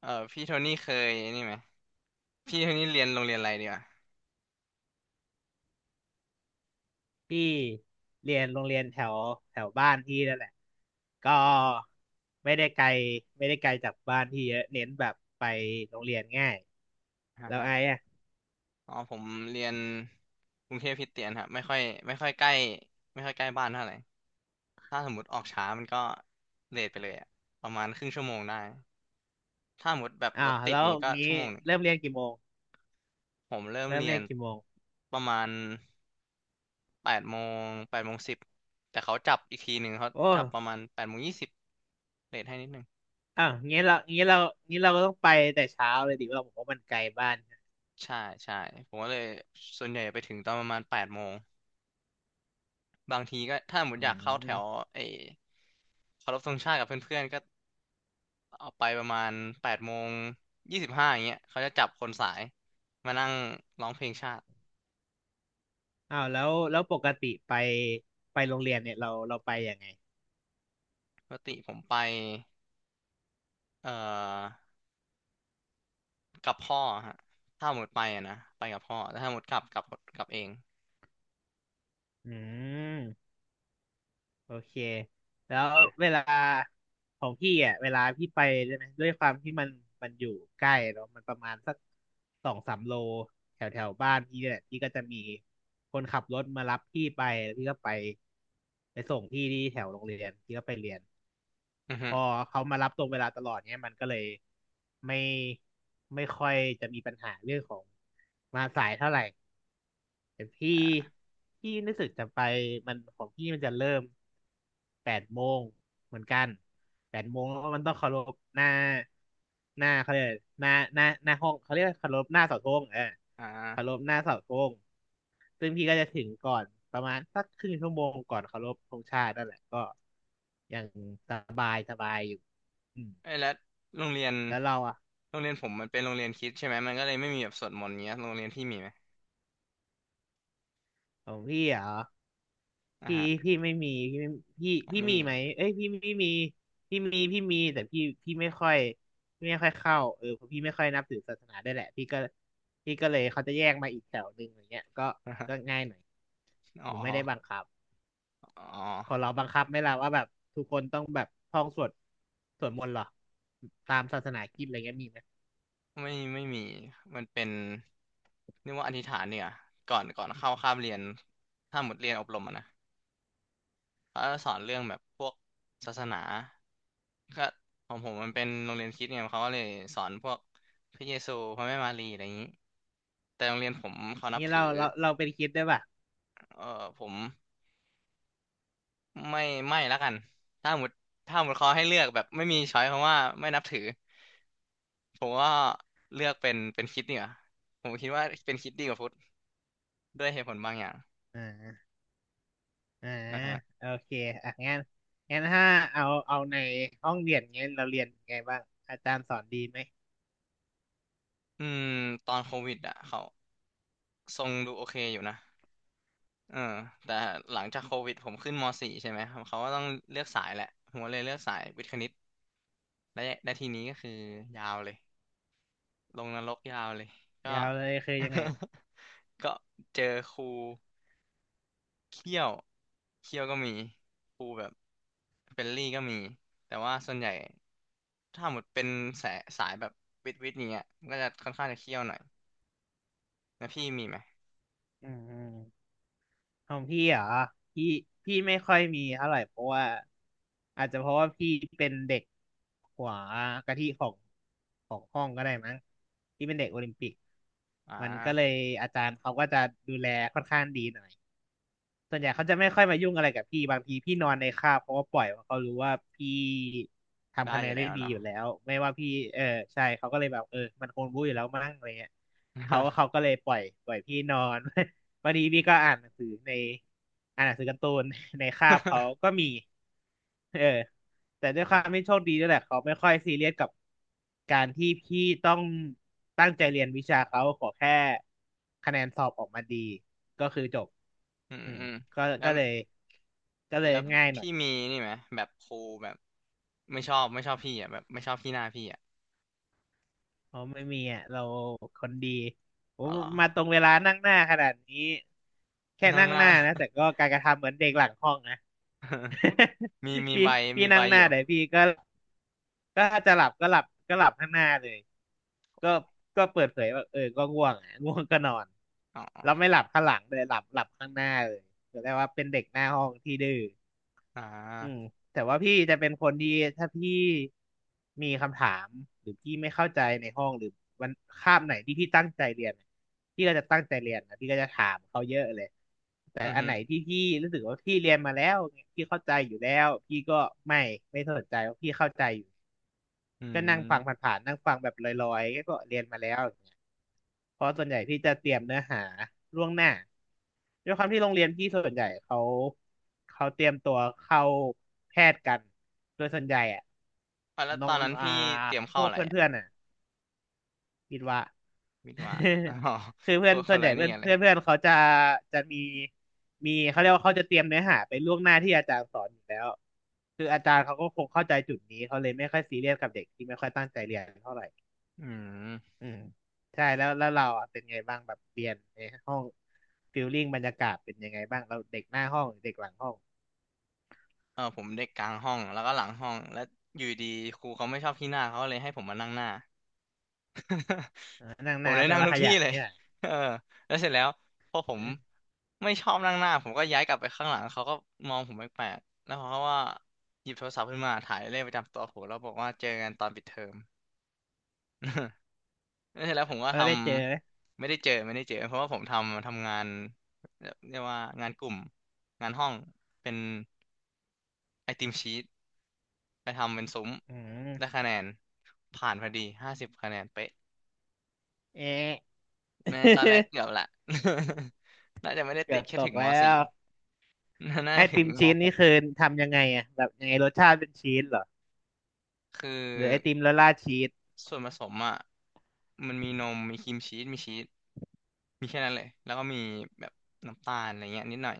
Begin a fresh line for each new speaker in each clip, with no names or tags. เออพี่โทนี่เคยนี่ไหมพี่โทนี่เรียนโรงเรียนอะไรดีวะ
พี่เรียนโรงเรียนแถวแถวบ้านพี่นั่นแหละก็ไม่ได้ไกลไม่ได้ไกลจากบ้านพี่เยอะเน้นแบบไปโรงเรียนง่าย
ฮะ
แล้ว
ฮะ
ไอ้อะ
อ๋อผมเรียนกรุงเทพคริสเตียนครับไม่ค่อยใกล้ไม่ค่อยใกล้บ้านเท่าไหร่ถ้าสมมติออกช้ามันก็เลทไปเลยอะประมาณครึ่งชั่วโมงได้ถ้าสมมติแบบ
อ้า
รถ
ว
ติด
แล้ว
เงี้ยก็
งี้
ชั่วโมงหนึ่ง
เริ่มเรียนกี่โมง
ผมเริ่ม
เริ่ม
เรีย
เรีย
น
นกี่โมง
ประมาณแปดโมง8 โมง 10แต่เขาจับอีกทีหนึ่งเขา
โอ้
จับประมาณแปดโมงยี่สิบเลทให้นิดหนึ่ง
อ้าวงี้เราก็ต้องไปแต่เช้าเลยดิเราบอกว่ามันไกลบ้านนะ
ใช่ใช่ผมก็เลยส่วนใหญ่ไปถึงตอนประมาณแปดโมง บางทีก็ถ้าสมมติอ
อื
ยากเข้าแถว
ม
ไอ้เคารพธงชาติกับเพื่อนๆก็ออกไปประมาณ8 โมง 25อย่างเงี้ยเขาจะจับคนสายมานั่งร้องเพลงชาติ
อ้าวแล้วแล้วปกติไปไปโรงเรียนเนี่ยเราไปยังไง
ปกติผมไปเอ่อกับพ่อฮะถ้าหมดไปอะนะไปกับพ่อแต่ถ้าหมดกลับเอง
อืม โอเค แล้ว
นะ
เวลาของพี่อ่ะเวลาพี่ไปใช่ไหมด้วยความที่มันอยู่ใกล้เนาะมันประมาณสักสองสามโลแถวแถวบ้านพี่เนี่ยแหละพี่ก็จะมีคนขับรถมารับพี่ไปแล้วพี่ก็ไปไปส่งพี่ที่แถวโรงเรียนพี่ก็ไปเรียน
อือฮึ
พอเขามารับตรงเวลาตลอดเนี่ยมันก็เลยไม่ไม่ค่อยจะมีปัญหาเรื่องของมาสายเท่าไหร่ แต่พี่
อ่า
พี่รู้สึกจะไปมันของพี่มันจะเริ่มแปดโมงเหมือนกันแปดโมงแล้วมันต้องเคารพหน้าหน้าเขาเรียกอะไรหน้าห้องเขาเรียกว่าเคารพหน้าเสาธงเออ
อ
เคาร
่า
พหน้าเสาธงซึ่งพี่ก็จะถึงก่อนประมาณสักครึ่งชั่วโมงก่อนเคารพธงชาตินั่นแหละก็อย่างตามอืม
เอ้ยแล้วโรงเรียน
แล้วเราอ่ะ
ผมมันเป็นโรงเรียนคริสต์ใช่ไหมมันก็เลยไม่มีแบบสวดมนต์เงี้ยโรงเรียนที่มีไหม
ของพี่เหรอ
อ่า
พี่
ฮะ
พี่ไม่มีพี่
อ๋อ
ไม่พี่พี่
ไม่
มี
มี
ไหมเอ้ยพี่มีพี่มีพี่มีแต่พี่พี่ไม่ค่อยพี่ไม่ค่อยเข้าเออเพราะพี่ไม่ค่อยนับถือศาสนาด้วยแหละพี่ก็พี่ก็เลยเขาจะแยกมาอีกแถวหนึ่งอย่างเงี้ยก็
อ่าฮะ
ก็ง่ายหน่อย
อ๋
ห
อ
นูไม่ได้บังคับ
อ๋อ
ของเราบังคับไหมล่ะว่าแบบทุกคนต้องแบบท่องสวดสวดมนต์เหรอตามศาสนาคริสต์อะไรเงี้ยมีไหม
ไม่ไม่มีมันเป็นเรียกว่าอธิษฐานเนี่ยก่อนเข้าคาบเรียนถ้าหมดเรียนอบรมอะนะเขาจะสอนเรื่องแบบพวกศาสนาก็ของผมมันเป็นโรงเรียนคริสต์ไงเขาก็เลยสอนพวกพระเยซูพระแม่มารีอะไรอย่างนี้แต่โรงเรียนผมเขานับ
นี่เรา
ถือ
เราเราเป็นคริสต์ได้วยป่ะ
เออผมไม่ไม่ละกันถ้าหมดถ้าหมดเขาให้เลือกแบบไม่มีช้อยเพราะว่าไม่นับถือผมก็เลือกเป็นคริสต์เนี่ยผมคิดว่าเป็นคริสต์ดีกว่าพุทธด้วยเหตุผลบางอย่าง
อ่า อ่า
อ่าฮะ
โอเคอ่ะงั้นงั้นถ้าเอาในห้องเรียนเงี้ยเราเรียนยังไงบ้างอาจารย์สอนดีไหม
อืมตอนโควิดอ่ะเขาทรงดูโอเคอยู่นะเออแต่หลังจากโควิดผมขึ้นม .4 ใช่ไหมครับเขาก็ต้องเลือกสายแหละผมก็เลยเลือกสายวิทย์คณิตและทีนี้ก็คือยาวเลย ลงนรกยาวเลย ก็
ยาวเลยคือยังไง
ก็เจอครูเคี่ยวเคี่ยวก็มีครูแบบเฟรนลี่ก็มี แต่ว่าส่วนใหญ่ถ้าหมดเป็นสายแบบวิทย์เนี้ยมันก็จะค่อนข้างจะเคี่ยวหน่อยแล้วพี่มีไหม
อืมของพี่เหรอพี่พี่ไม่ค่อยมีเท่าไหร่เพราะว่าอาจจะเพราะว่าพี่เป็นเด็กหัวกะทิของของห้องก็ได้มั้งพี่เป็นเด็กโอลิมปิก
อ่
มันก็เลย
า
อาจารย์เขาก็จะดูแลค่อนข้างดีหน่อย ส่วนใหญ่เขาจะไม่ค่อยมายุ่งอะไรกับพี่บางทีพี่นอนในคาบเขาก็ปล่อยเพราะเขารู้ว่าพี่ทำ
ได้
คะแน
อ
น
ยู่
ได้
แล้ว
ดีอ
เนาะ
ยู่แล้วไม่ว่าพี่เออใช่เขาก็เลยแบบเออมันคงรู้อยู่แล้วมั้งอะไรเงี้ยเขาก็เลยปล่อยพี่นอน วันนี้พี่ก็อ่านหนังสือในอ่านหนังสือการ์ตูน ในคาบเขาก็ มีเออ แต่ด้วย
อื
ควา
ม
มไม่โชคดีด้วยแหละเขาไม่ค่อยซีเรียสกับการที่พี่ต้องตั้งใจเรียนวิชาเขาขอแค่คะแนนสอบออกมาดีก็คือจบ
อืม
อืม
อืม
ก็
แล้ว
ก็เลยก็เลย
แล้ว
ง่ายหน่อ
พี่
ย
มีนี่ไหมแบบครูแบบไม่ชอบพี่อ่ะแบบไม่ชอบพี่หน้าพี่อ่ะ
เพราะไม่มีอ่ะเราคนดีผ
อ๋อ
ม
เหรอ
มาตรงเวลานั่งหน้าขนาดนี้แค่
นั่ง
นั่ง
ห
ห
น้า
น้านะแต่ก็การกระทำเหมือนเด็กหลังห้องนะ
มี มี
พี่
ใบ
พี่
มีใบ
นั่งห
อ
น้า
ยู่
เดี๋ยวพี่ก็ก็ถ้าจะหลับก็หลับก็หลับข้างหน้าเลยก็ก็เปิดเผยว่าเออก็ง่วงอะง่วงก็นอน
อ๋อ
แล้วไม่หลับข้างหลังเลยหลับข้างหน้าเลยแสดงว่าเป็นเด็กหน้าห้องที่ดื้อ
อ่า
อืมแต่ว่าพี่จะเป็นคนที่ถ้าพี่มีคำถามหรือพี่ไม่เข้าใจในห้องหรือวันคาบไหนที่พี่ตั้งใจเรียนพี่ก็จะตั้งใจเรียนนะพี่ก็จะถามเขาเยอะเลยแต่
อือ
อัน
ฮึ
ไหนที่พี่รู้สึกว่าพี่เรียนมาแล้วพี่เข้าใจอยู่แล้วพี่ก็ไม่ไม่สนใจว่าพี่เข้าใจอยู่
อื
ก็นั่งฟัง
ม
ผ่านๆนั่งฟังแบบลอยๆ ก็เรียนมาแล้วอย่างเงี้ยเพราะส่วนใหญ่พี่จะเตรียมเนื้อหาล่วงหน้าด้วยความที่โรงเรียนพี่ส่วนใหญ่เขาเตรียมตัวเข้าแพทย์กันโดยส่วนใหญ่อะ
อ่ะแล้ว
น้
ต
อ
อ
ง
นนั้น
อ่า
พี่เตรียม
พ
เข้า
วก
อะไรอ่ะ
เพื่อนๆอ่ะ คิดว่า
วิทย์วะอ๋อ
คือ
ค
เพื่อน
นค
ส่ว
น
นให
ละ
ญ่
นี่
เพื่อน
กันเล
เพื่
ย
อนเพื่อนเขาจะจะมีมีเขาเรียกว่าเขาจะเตรียมเนื้อหาไปล่วงหน้าที่อาจารย์สอนอยู่แล้วคืออาจารย์เขาก็คงเข้าใจจุดนี้เขาเลยไม่ค่อยซีเรียสกับเด็กที่ไม่ค่อยตั้งใจเรียนเท่าไหร่
อืม
อืมใช่แล้วแล้วเราอะเป็นไงบ้างแบบเรียนในห้องฟิลลิ่งบรรยากาศเป็นยังไงบ้างเราเด็กหน้าห้องหรือเด็กหลังห้อง
เออผมเด็กกลางห้อง แล้วก็หลังห้อง แล้วอยู่ดีครูเขาไม่ชอบพี่หน้าเขาเลยให้ผมมานั่งหน้า
อ่านั่ง
ผ
ห
ม
น้า
ได้
แปล
นั่ง
ว่า
ทุ
ข
กที่
ยัน
เลย
นี่แหละ
เออแล้วเสร็จแล้วพอผมไม่ชอบนั่งหน้าผมก็ย้ายกลับไปข้างหลังเขาก็มองผมแปลกๆแล้วเขาก็ว่าหยิบโทรศัพท์ขึ้นมาถ่ายเลขประจำตัวผมแล้วบอกว่าเจอกันตอนปิดเทอม แล้วเสร็จแล้วผมก็
เออ
ท
ได้เจอไหม
ำไม่ได้เจอไม่ได้เจอเพราะว่าผมทำงานเรียกว่างานกลุ่มงานห้องเป็นไอติมชีตไปทำเป็นซุ้ม
อื
ได้
ม
คะแนนผ่านพอดี50 คะแนนเป๊ะ
เอะ
แม้ตอนแรกเกือบ ละ น่าจะไม่ได้
เกื
ติ
อ
ด
บ
แค่
ต
ถึ
ก
งม
แล้
สี่
ว
น่า
ไอ
ถึ
ติ
ง
ม
ม
ชีส
ห
นี่
ก
คือทำยังไงอะแบบยังไงรสชาติเป็นชีสเหรอ
คือ
หรือไอติมละลาชีส
ส่วนผสมอ่ะมันมีนม มีครีมชีสมีชีสมีแค่นั้นเลยแล้วก็มีแบบน้ำตาลอะไรเงี้ยนิดหน่อย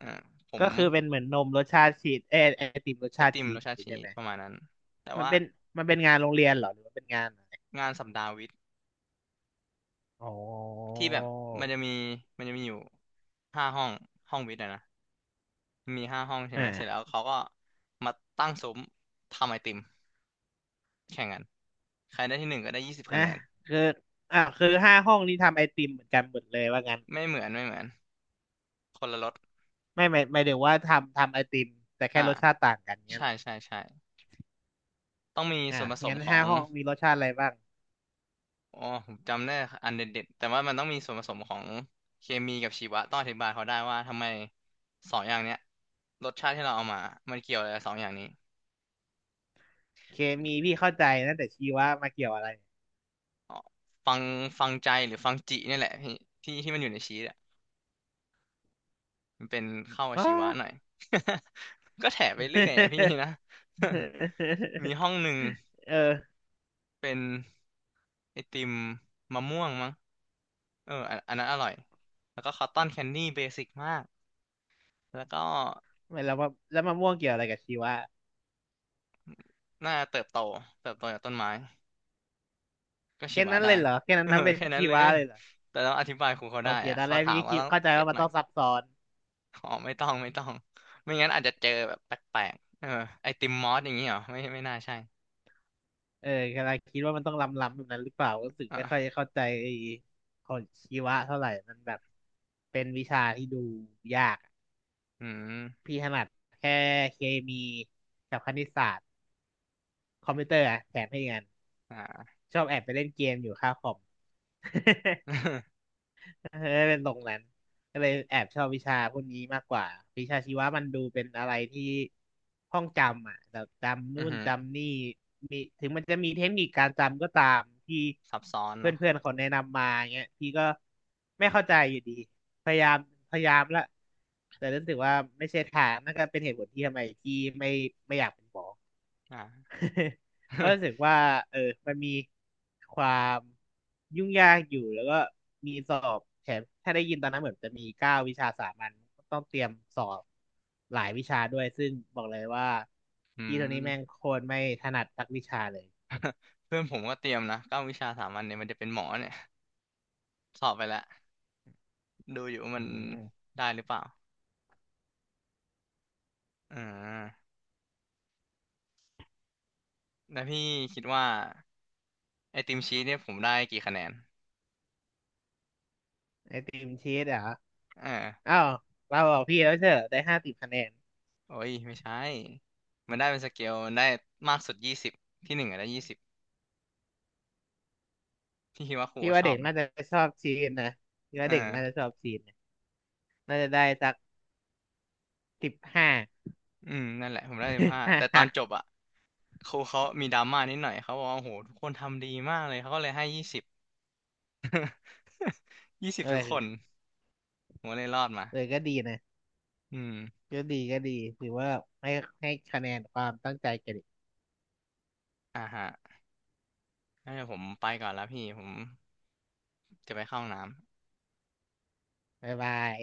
อ่าผม
ก็คือเป็นเหมือนนมรสชาติชีสเอยไอติมรส
ไอ
ชาติ
ติม
ชี
ร
ส
ส
อ
ชา
ย่าง
ติ
งี้
ชี
ใช่
ส
ไหม
ประมาณนั้นแต่
มัน
ว่า
เป็นมันเป็นงานโรงเรียนเหรอหรือมันเป็นงานอะไร
งานสัปดาห์วิทย์
อ๋อ
ที่แบบมันจะมีมันจะมีอยู่ห้าห้องห้องวิทย์อะนะมีห้าห้องใช่ไหมเสร็จแล้ว
อ่า
เขาก็มาตั้งซุ้มทำไอติมแข่งกันใครได้ที่หนึ่งก็ได้ยี่สิบคะ
อ่ะ
แนน
คืออ่ะคือห้าห้องนี้ทำไอติมเหมือนกันหมดเลยว่างั้น
ไม่เหมือนไม่เหมือนคนละรส
ไม่ถึงวว่าทำไอติมแต่แค่
อ่า
รสชาติต่างกันเงี้ย
ใช่
เหรอ
ใช่ใช่ต้องมี
อ่ะ
ส่วนผสม
งั้น
ขอ
ห้า
ง
ห้องมีรสชาติอะไรบ้าง
อ๋อผมจำได้อันเด็ดๆแต่ว่ามันต้องมีส่วนผสมของเคมีกับชีวะต้องอธิบายเขาได้ว่าทำไมสองอย่างเนี้ยรสชาติที่เราเอามามันเกี่ยวอะไรกับสองอย่างนี้
เคมีพี่เข้าใจนะแต่ชีวะมาเกี่ยวอะไร
อ๋อฟังฟังใจหรือฟังจิเนี่ยแหละพี่ที่ที่มันอยู่ในชีสอ่ะมันเป็นเข้ากับ
อ๋อ
ชีวะหน่อย ก็แถไปเรื่อยอ่ะพี่ นะ มี ห้องหนึ่ง
เออ
เป็นไอติมมะม่วงมั้ง เอออันนั้นอร่อยแล้วก็คอตตอนแคนดี้เบสิกมากแล้วก็
ไม่แล้วมาแล้วมะม่วงเกี่ยวอะไรกับชีวะ
น่าเติบโตจากต้นไม้ก็ชี
แค่
วะ
นั้น
ได้
เลยเหรอแค่ นั้
เอ
น
อ
นับเป็น
แค่นั้น
ชี
เล
วะ
ย
เลยเหรอ
แต่ต้องอธิบายครูเขา
โอ
ได้
เค
อะ
ตอน
เขา
แรก
ถาม
พี่
ว่า
คิด
ต้อง
เข้าใจ
เก็ต
ว่ามั
ห
น
น่อ
ต้
ย
องซับซ้อน
อ๋อไม่ต้องไม่ต้อง ไม่งั้นอาจจะเจอแบบแปลกๆเออไอติมมอสอย่างนี้เหรอไม่น่าใช่
เออกำลังคิดว่ามันต้องล้ำๆแบบนั้นหรือเปล่ารู้สึกไม่ค่อย
อ่ะ
เข้าใจไอ้ของชีวะเท่าไหร่มันแบบเป็นวิชาที่ดูยากอะ
อืม
พี่ถนัดแค่เคมีกับคณิตศาสตร์คอมพิวเตอร์อะแถมให้อีกอัน
อ่า
ชอบแอบไปเล่นเกมอยู่ค่าคอม เป็นตรงนั้นก็เลยแอบชอบวิชาพวกนี้มากกว่าวิชาชีวะมันดูเป็นอะไรที่ท่องจำอ่ะแบบจำนู่
อือ
น
หือ
จำนี่มีถึงมันจะมีเทคนิคการจำก็ตามที่
ซับซ้อน
เพ
เนาะ
ื่อนๆเขาแนะนำมาเงี้ยพี่ก็ไม่เข้าใจอยู่ดีพยายามพยายามละแต่รู้สึกว่าไม่ใช่ทางนั่นก็เป็นเหตุผลที่ทำไมพี่ไม่ไม่อยากเป็นหมอ
อ่า
เพราะรู้สึกว่าเออมันมีความยุ่งยากอยู่แล้วก็มีสอบแถมถ้าได้ยินตอนนั้นเหมือนจะมี9 วิชาสามัญต้องเตรียมสอบหลายวิชาด้วยซึ่งบอกเลยว่า
อื
พี่ตัวนี้
ม
แม่งโคตรไม่ถนัดสักวิชาเลย
เพื่อนผมก็เตรียมนะ9 วิชาสามัญเนี่ยมันจะเป็นหมอเนี่ยสอบไปแล้วดูอยู่ว่ามั
อื
น
ม
ได้หรือเปล่า อ่าแล้วพี่คิดว่าไอติมชีสเนี่ยผมได้กี่คะแนน
ไอติมชีสเหรอ
อ่า
อ้าวเราบอกพี่แล้วเชอได้50 คะแนน
โอ้ยไม่ใช่มันได้เป็นสเกลมันได้มากสุดยี่สิบที่หนึ่งอะได้ยี่สิบพี่คิดว่าครู
พี่
เขา
ว่า
ชอ
เด็
บ
ก
ไหม
น่าจะชอบชีสนะพี่ว่า
อ่า
เด็กน่าจะชอบชีสนะน่าจะได้สัก15
อืมนั่นแหละผมได้สิบห้าแต่ ต
หั
อน
ก
จบอะครูเขามีดราม่านิดหน่อยเขาบอกว่าโอ้โหทุกคนทำดีมากเลยเขาก็เลยให้ยี่สิบ ยี่สิ
เ
บทุกคน
ออ
ผมก็เลยรอดมา
เออก็ดีนะ
อืม
ก็ดีก็ดีถือว่าให้ให้คะแนนความตั้งใจแกันอีก
อ่าฮะงั้นเดี๋ยวผมไปก่อนแล้วพี่ผมจะไปเข้าห้องน้ำ
บ๊ายบาย